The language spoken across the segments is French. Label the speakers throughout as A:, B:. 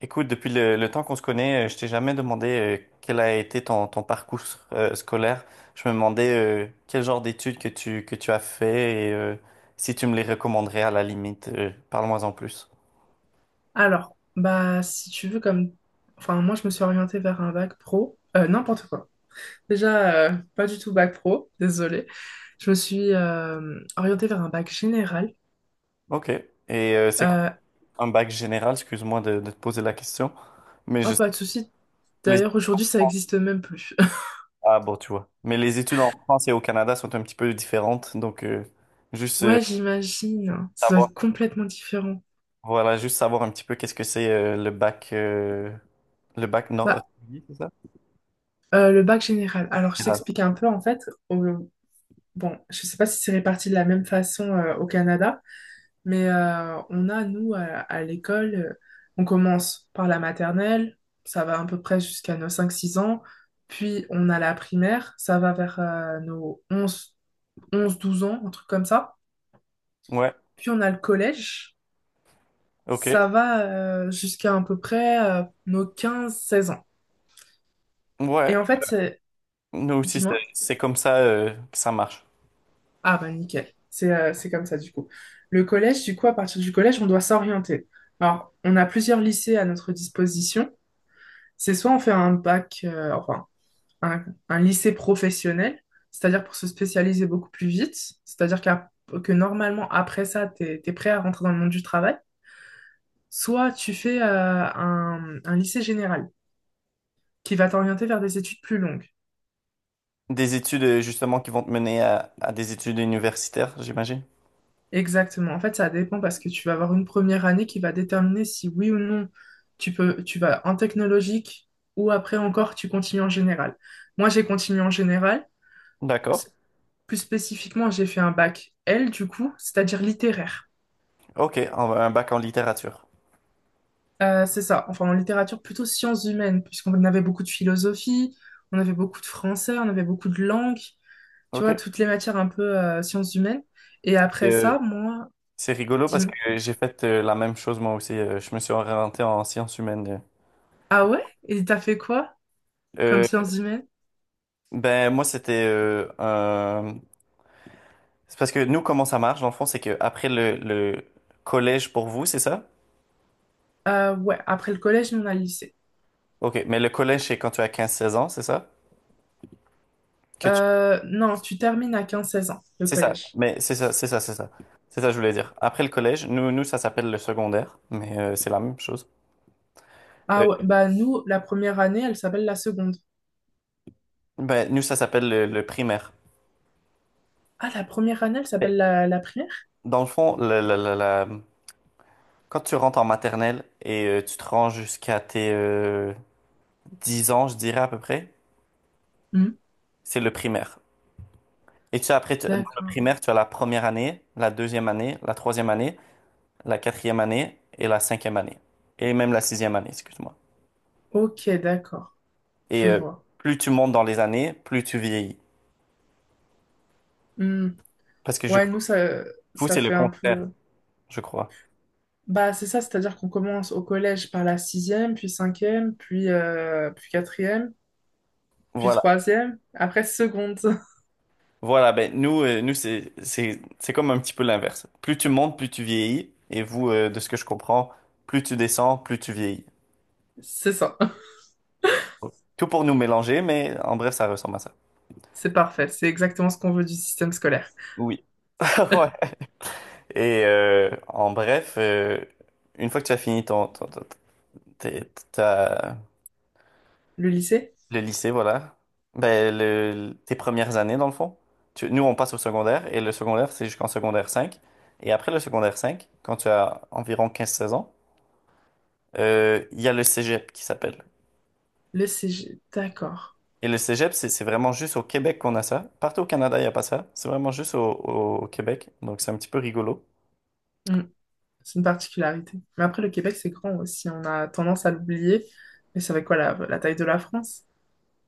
A: Écoute, depuis le temps qu'on se connaît, je t'ai jamais demandé quel a été ton parcours scolaire. Je me demandais quel genre d'études que tu as fait et si tu me les recommanderais à la limite. Parle-moi en plus.
B: Alors, bah, si tu veux, comme. Enfin, moi, je me suis orientée vers un bac pro. N'importe quoi. Déjà, pas du tout bac pro, désolée. Je me suis orientée vers un bac général.
A: Ok. Et c'est quoi
B: Euh,
A: un bac général? Excuse-moi de te poser la question, mais je
B: oh, pas de souci.
A: les
B: D'ailleurs, aujourd'hui, ça existe même plus.
A: ah bon, tu vois. Mais les études en France et au Canada sont un petit peu différentes, donc juste
B: Ouais, j'imagine. Ça doit
A: savoir,
B: être complètement différent.
A: voilà, juste savoir un petit peu qu'est-ce que c'est le bac nord.
B: Bah,
A: Oui, c'est ça?
B: euh, le bac général. Alors, je t'explique un peu, en fait. au- Bon, je sais pas si c'est réparti de la même façon au Canada. Mais on a, nous, à l'école, on commence par la maternelle. Ça va à peu près jusqu'à nos 5 6 ans, puis on a la primaire, ça va vers nos onze douze ans, un truc comme ça.
A: Ouais,
B: Puis on a le collège,
A: ok.
B: ça va jusqu'à à peu près nos 15 16 ans.
A: Ouais,
B: Et en fait, c'est...
A: nous aussi, c'est
B: Dis-moi.
A: comme ça que ça marche.
B: Ah bah nickel, c'est comme ça du coup. À partir du collège, on doit s'orienter. Alors, on a plusieurs lycées à notre disposition. C'est soit on fait un bac, un, un lycée professionnel, c'est-à-dire pour se spécialiser beaucoup plus vite, c'est-à-dire qu'à- que normalement, après ça, tu es, prêt à rentrer dans le monde du travail, soit tu fais un lycée général qui va t'orienter vers des études plus longues.
A: Des études, justement, qui vont te mener à des études universitaires, j'imagine.
B: Exactement. En fait, ça dépend parce que tu vas avoir une première année qui va déterminer si oui ou non tu vas en technologique ou après encore tu continues en général. Moi, j'ai continué en général.
A: D'accord.
B: s- Plus spécifiquement, j'ai fait un bac L, du coup, c'est-à-dire littéraire.
A: Ok, un bac en littérature.
B: C'est ça, enfin en littérature plutôt sciences humaines, puisqu'on avait beaucoup de philosophie, on avait beaucoup de français, on avait beaucoup de langues, tu
A: Ok.
B: vois, toutes les matières un peu sciences humaines. Et
A: Et,
B: après ça, moi,
A: c'est rigolo parce que
B: dis-moi,
A: j'ai fait la même chose moi aussi. Je me suis orienté en sciences humaines.
B: ah ouais? Et t'as fait quoi comme
A: Euh,
B: sciences humaines?
A: ben, moi, c'était C'est parce que nous, comment ça marche, dans le fond, c'est que après le collège pour vous, c'est ça?
B: Ouais, après le collège, nous, on a le lycée.
A: Ok, mais le collège, c'est quand tu as 15 16 ans, c'est ça? Que tu
B: Non, tu termines à 15 16 ans, le
A: C'est ça,
B: collège.
A: mais c'est ça. C'est ça que je voulais dire. Après le collège, nous ça s'appelle le secondaire, mais c'est la même chose. Euh,
B: Ah ouais, bah nous, la première année, elle s'appelle la seconde.
A: ben, nous, ça s'appelle le primaire.
B: Ah, la première année, elle
A: Et
B: s'appelle la primaire?
A: dans le fond, quand tu rentres en maternelle et tu te rends jusqu'à tes 10 ans, je dirais à peu près,
B: Hmm.
A: c'est le primaire. Et tu sais, après, dans le
B: D'accord.
A: primaire, tu as la première année, la deuxième année, la troisième année, la quatrième année et la cinquième année. Et même la sixième année, excuse-moi.
B: Ok, d'accord.
A: Et
B: Je vois.
A: plus tu montes dans les années, plus tu vieillis.
B: Hmm.
A: Parce que je
B: Ouais, nous,
A: Vous,
B: ça
A: c'est le
B: fait un
A: contraire,
B: peu...
A: je crois.
B: Bah, c'est ça, c'est-à-dire qu'on commence au collège par la sixième, puis cinquième, puis quatrième, puis
A: Voilà.
B: troisième, après seconde.
A: Voilà, ben nous, nous c'est comme un petit peu l'inverse. Plus tu montes, plus tu vieillis. Et vous, de ce que je comprends, plus tu descends, plus tu vieillis.
B: C'est ça.
A: Tout pour nous mélanger, mais en bref, ça ressemble à ça.
B: C'est parfait. C'est exactement ce qu'on veut du système scolaire.
A: Oui. Ouais. Et en bref, une fois que tu as fini tes- ta-
B: Le lycée?
A: Le lycée, voilà. Ben, le, tes premières années, dans le fond. Nous, on passe au secondaire, et le secondaire, c'est jusqu'en secondaire cinq. Et après le secondaire cinq, quand tu as environ 15 16 ans, il y a le cégep qui s'appelle.
B: Le CG. D'accord.
A: Et le cégep, c'est vraiment juste au Québec qu'on a ça. Partout au Canada, il n'y a pas ça. C'est vraiment juste au Québec. Donc, c'est un petit peu rigolo.
B: Hmm. C'est une particularité. Mais après, le Québec, c'est grand aussi. On a tendance à l'oublier. Mais c'est avec quoi la taille de la France?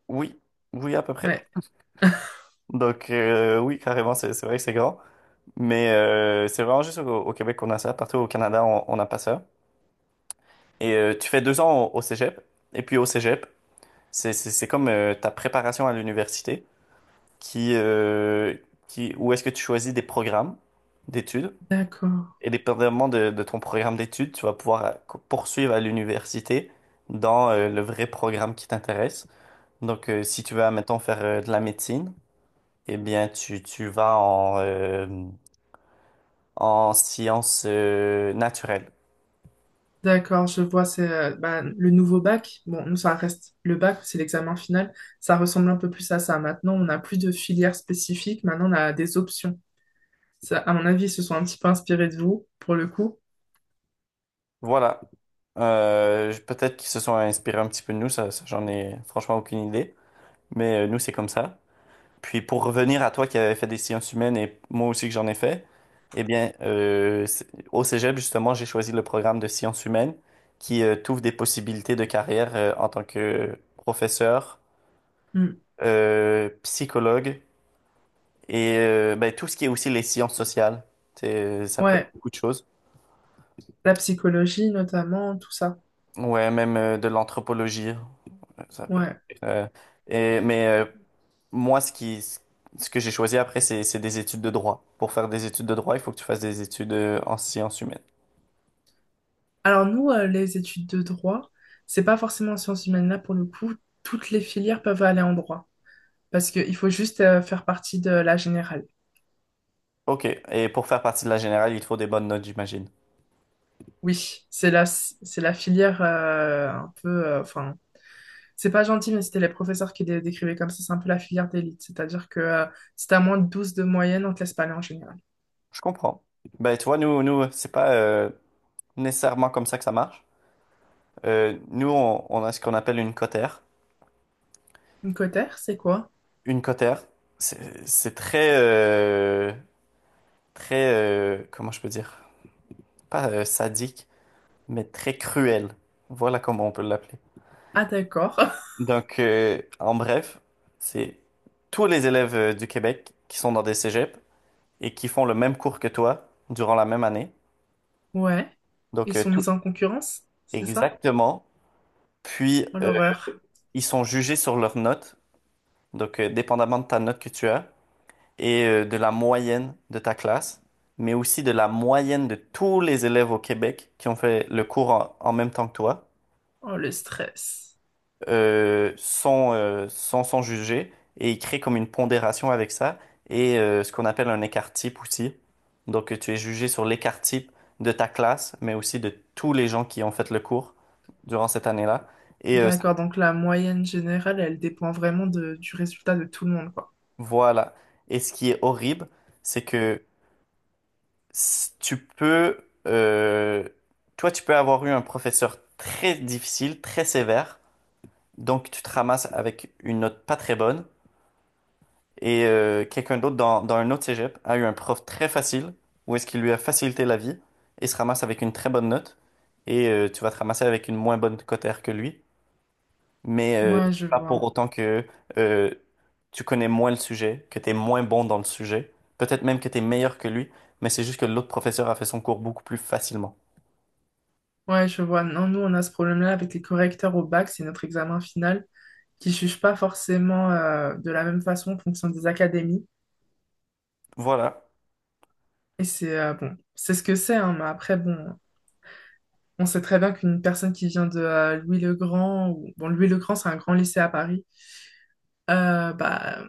A: Oui, oui, à peu près.
B: Ouais.
A: Donc, oui, carrément, c'est vrai que c'est grand. Mais c'est vraiment juste au Québec qu'on a ça. Partout au Canada, on n'a pas ça. Et tu fais 2 ans au cégep. Et puis au cégep, c'est comme ta préparation à l'université qui, euh, où est-ce que tu choisis des programmes d'études.
B: D'accord.
A: Et dépendamment de ton programme d'études, tu vas pouvoir poursuivre à l'université dans le vrai programme qui t'intéresse. Donc, si tu veux, admettons, faire de la médecine, eh bien, tu vas en, en sciences naturelles.
B: D'accord, je vois, c'est le nouveau bac. Bon, nous, ça reste le bac, c'est l'examen final. Ça ressemble un peu plus à ça. Maintenant, on n'a plus de filière spécifique. Maintenant, on a des options. Ça, à mon avis, ils se sont un petit peu inspirés de vous, pour le coup.
A: Voilà. Peut-être qu'ils se sont inspirés un petit peu de nous, j'en ai franchement aucune idée. Mais nous, c'est comme ça. Puis pour revenir à toi qui avais fait des sciences humaines et moi aussi que j'en ai fait, eh bien, au Cégep, justement, j'ai choisi le programme de sciences humaines qui t'ouvre des possibilités de carrière en tant que professeur,
B: Hmm.
A: psychologue et ben, tout ce qui est aussi les sciences sociales. Ça peut être
B: Ouais,
A: beaucoup de choses.
B: la psychologie notamment, tout ça.
A: Ouais, même de l'anthropologie. Ça peut...
B: Ouais.
A: Euh, et- mais euh, Moi, ce que j'ai choisi après, c'est des études de droit. Pour faire des études de droit, il faut que tu fasses des études en sciences humaines.
B: Alors, nous, les études de droit, c'est pas forcément en sciences humaines là, pour le coup. Toutes les filières peuvent aller en droit parce qu'il faut juste faire partie de la générale.
A: Ok, et pour faire partie de la générale, il te faut des bonnes notes, j'imagine.
B: Oui, c'est la filière un peu. C'est pas gentil, mais c'était les professeurs qui décrivaient comme ça. C'est un peu la filière d'élite. C'est-à-dire que Si t'as moins de 12 de moyenne, on te laisse pas aller en général.
A: Je comprends. Ben, tu vois, nous, c'est pas nécessairement comme ça que ça marche. Nous, on a ce qu'on appelle une cotère.
B: Une cotère, c'est quoi?
A: Une cotère, c'est très, très, comment je peux dire? Pas sadique, mais très cruel. Voilà comment on peut l'appeler.
B: Ah, d'accord.
A: Donc, en bref, c'est tous les élèves du Québec qui sont dans des cégeps et qui font le même cours que toi durant la même année.
B: Ouais.
A: Donc,
B: Ils sont
A: tout
B: mis en concurrence, c'est ça?
A: exactement. Puis,
B: Oh, l'horreur.
A: ils sont jugés sur leurs notes. Donc, dépendamment de ta note que tu as et de la moyenne de ta classe, mais aussi de la moyenne de tous les élèves au Québec qui ont fait le cours en en même temps que toi.
B: Oh, le stress.
A: Sans, sans s'en juger, et il crée comme une pondération avec ça et ce qu'on appelle un écart-type aussi. Donc tu es jugé sur l'écart-type de ta classe, mais aussi de tous les gens qui ont fait le cours durant cette année-là. Et euh, ça-
B: D'accord, donc la moyenne générale, elle dépend vraiment du résultat de tout le monde, quoi.
A: voilà. Et ce qui est horrible, c'est que tu peux, toi, tu peux avoir eu un professeur très difficile, très sévère, donc tu te ramasses avec une note pas très bonne. Et quelqu'un d'autre dans un autre cégep a eu un prof très facile, où est-ce qu'il lui a facilité la vie et se ramasse avec une très bonne note. Et tu vas te ramasser avec une moins bonne cotère que lui. Mais
B: Ouais, je
A: c'est pas pour
B: vois.
A: autant que euh, tu connais moins le sujet, que tu es moins bon dans le sujet. Peut-être même que tu es meilleur que lui, mais c'est juste que l'autre professeur a fait son cours beaucoup plus facilement.
B: Ouais, je vois. Non, nous, on a ce problème-là avec les correcteurs au bac, c'est notre examen final, qui ne juge pas forcément de la même façon en fonction des académies.
A: Voilà,
B: Et c'est bon, c'est ce que c'est, hein, mais après, bon, on sait très bien qu'une personne qui vient de Louis-le-Grand, ou bon, Louis-le-Grand, c'est un grand lycée à Paris, bah,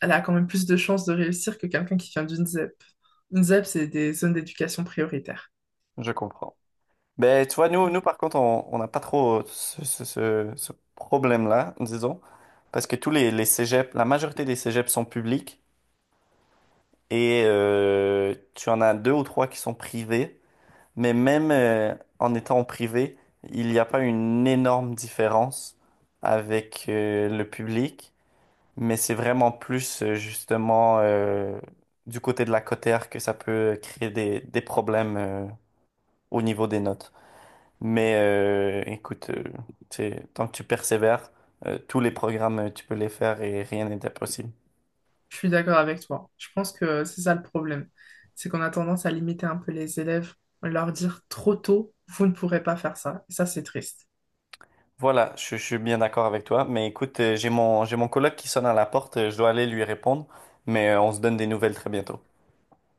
B: elle a quand même plus de chances de réussir que quelqu'un qui vient d'une ZEP. Une ZEP, c'est des zones d'éducation prioritaire.
A: je comprends. Ben, tu vois, nous par contre, on n'a pas trop ce, ce problème-là, disons, parce que les cégeps, la majorité des cégeps sont publics et tu en as deux ou trois qui sont privés, mais même en étant privé, il n'y a pas une énorme différence avec le public, mais c'est vraiment plus justement du côté de la cotère que ça peut créer des problèmes au niveau des notes. Mais écoute, tant que tu persévères, tous les programmes, tu peux les faire et rien n'est impossible.
B: Je suis d'accord avec toi. Je pense que c'est ça le problème. C'est qu'on a tendance à limiter un peu les élèves, à leur dire trop tôt, vous ne pourrez pas faire ça. Et ça, c'est triste.
A: Voilà, je suis bien d'accord avec toi. Mais écoute, j'ai mon coloc qui sonne à la porte, je dois aller lui répondre, mais on se donne des nouvelles très bientôt.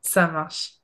B: Ça marche.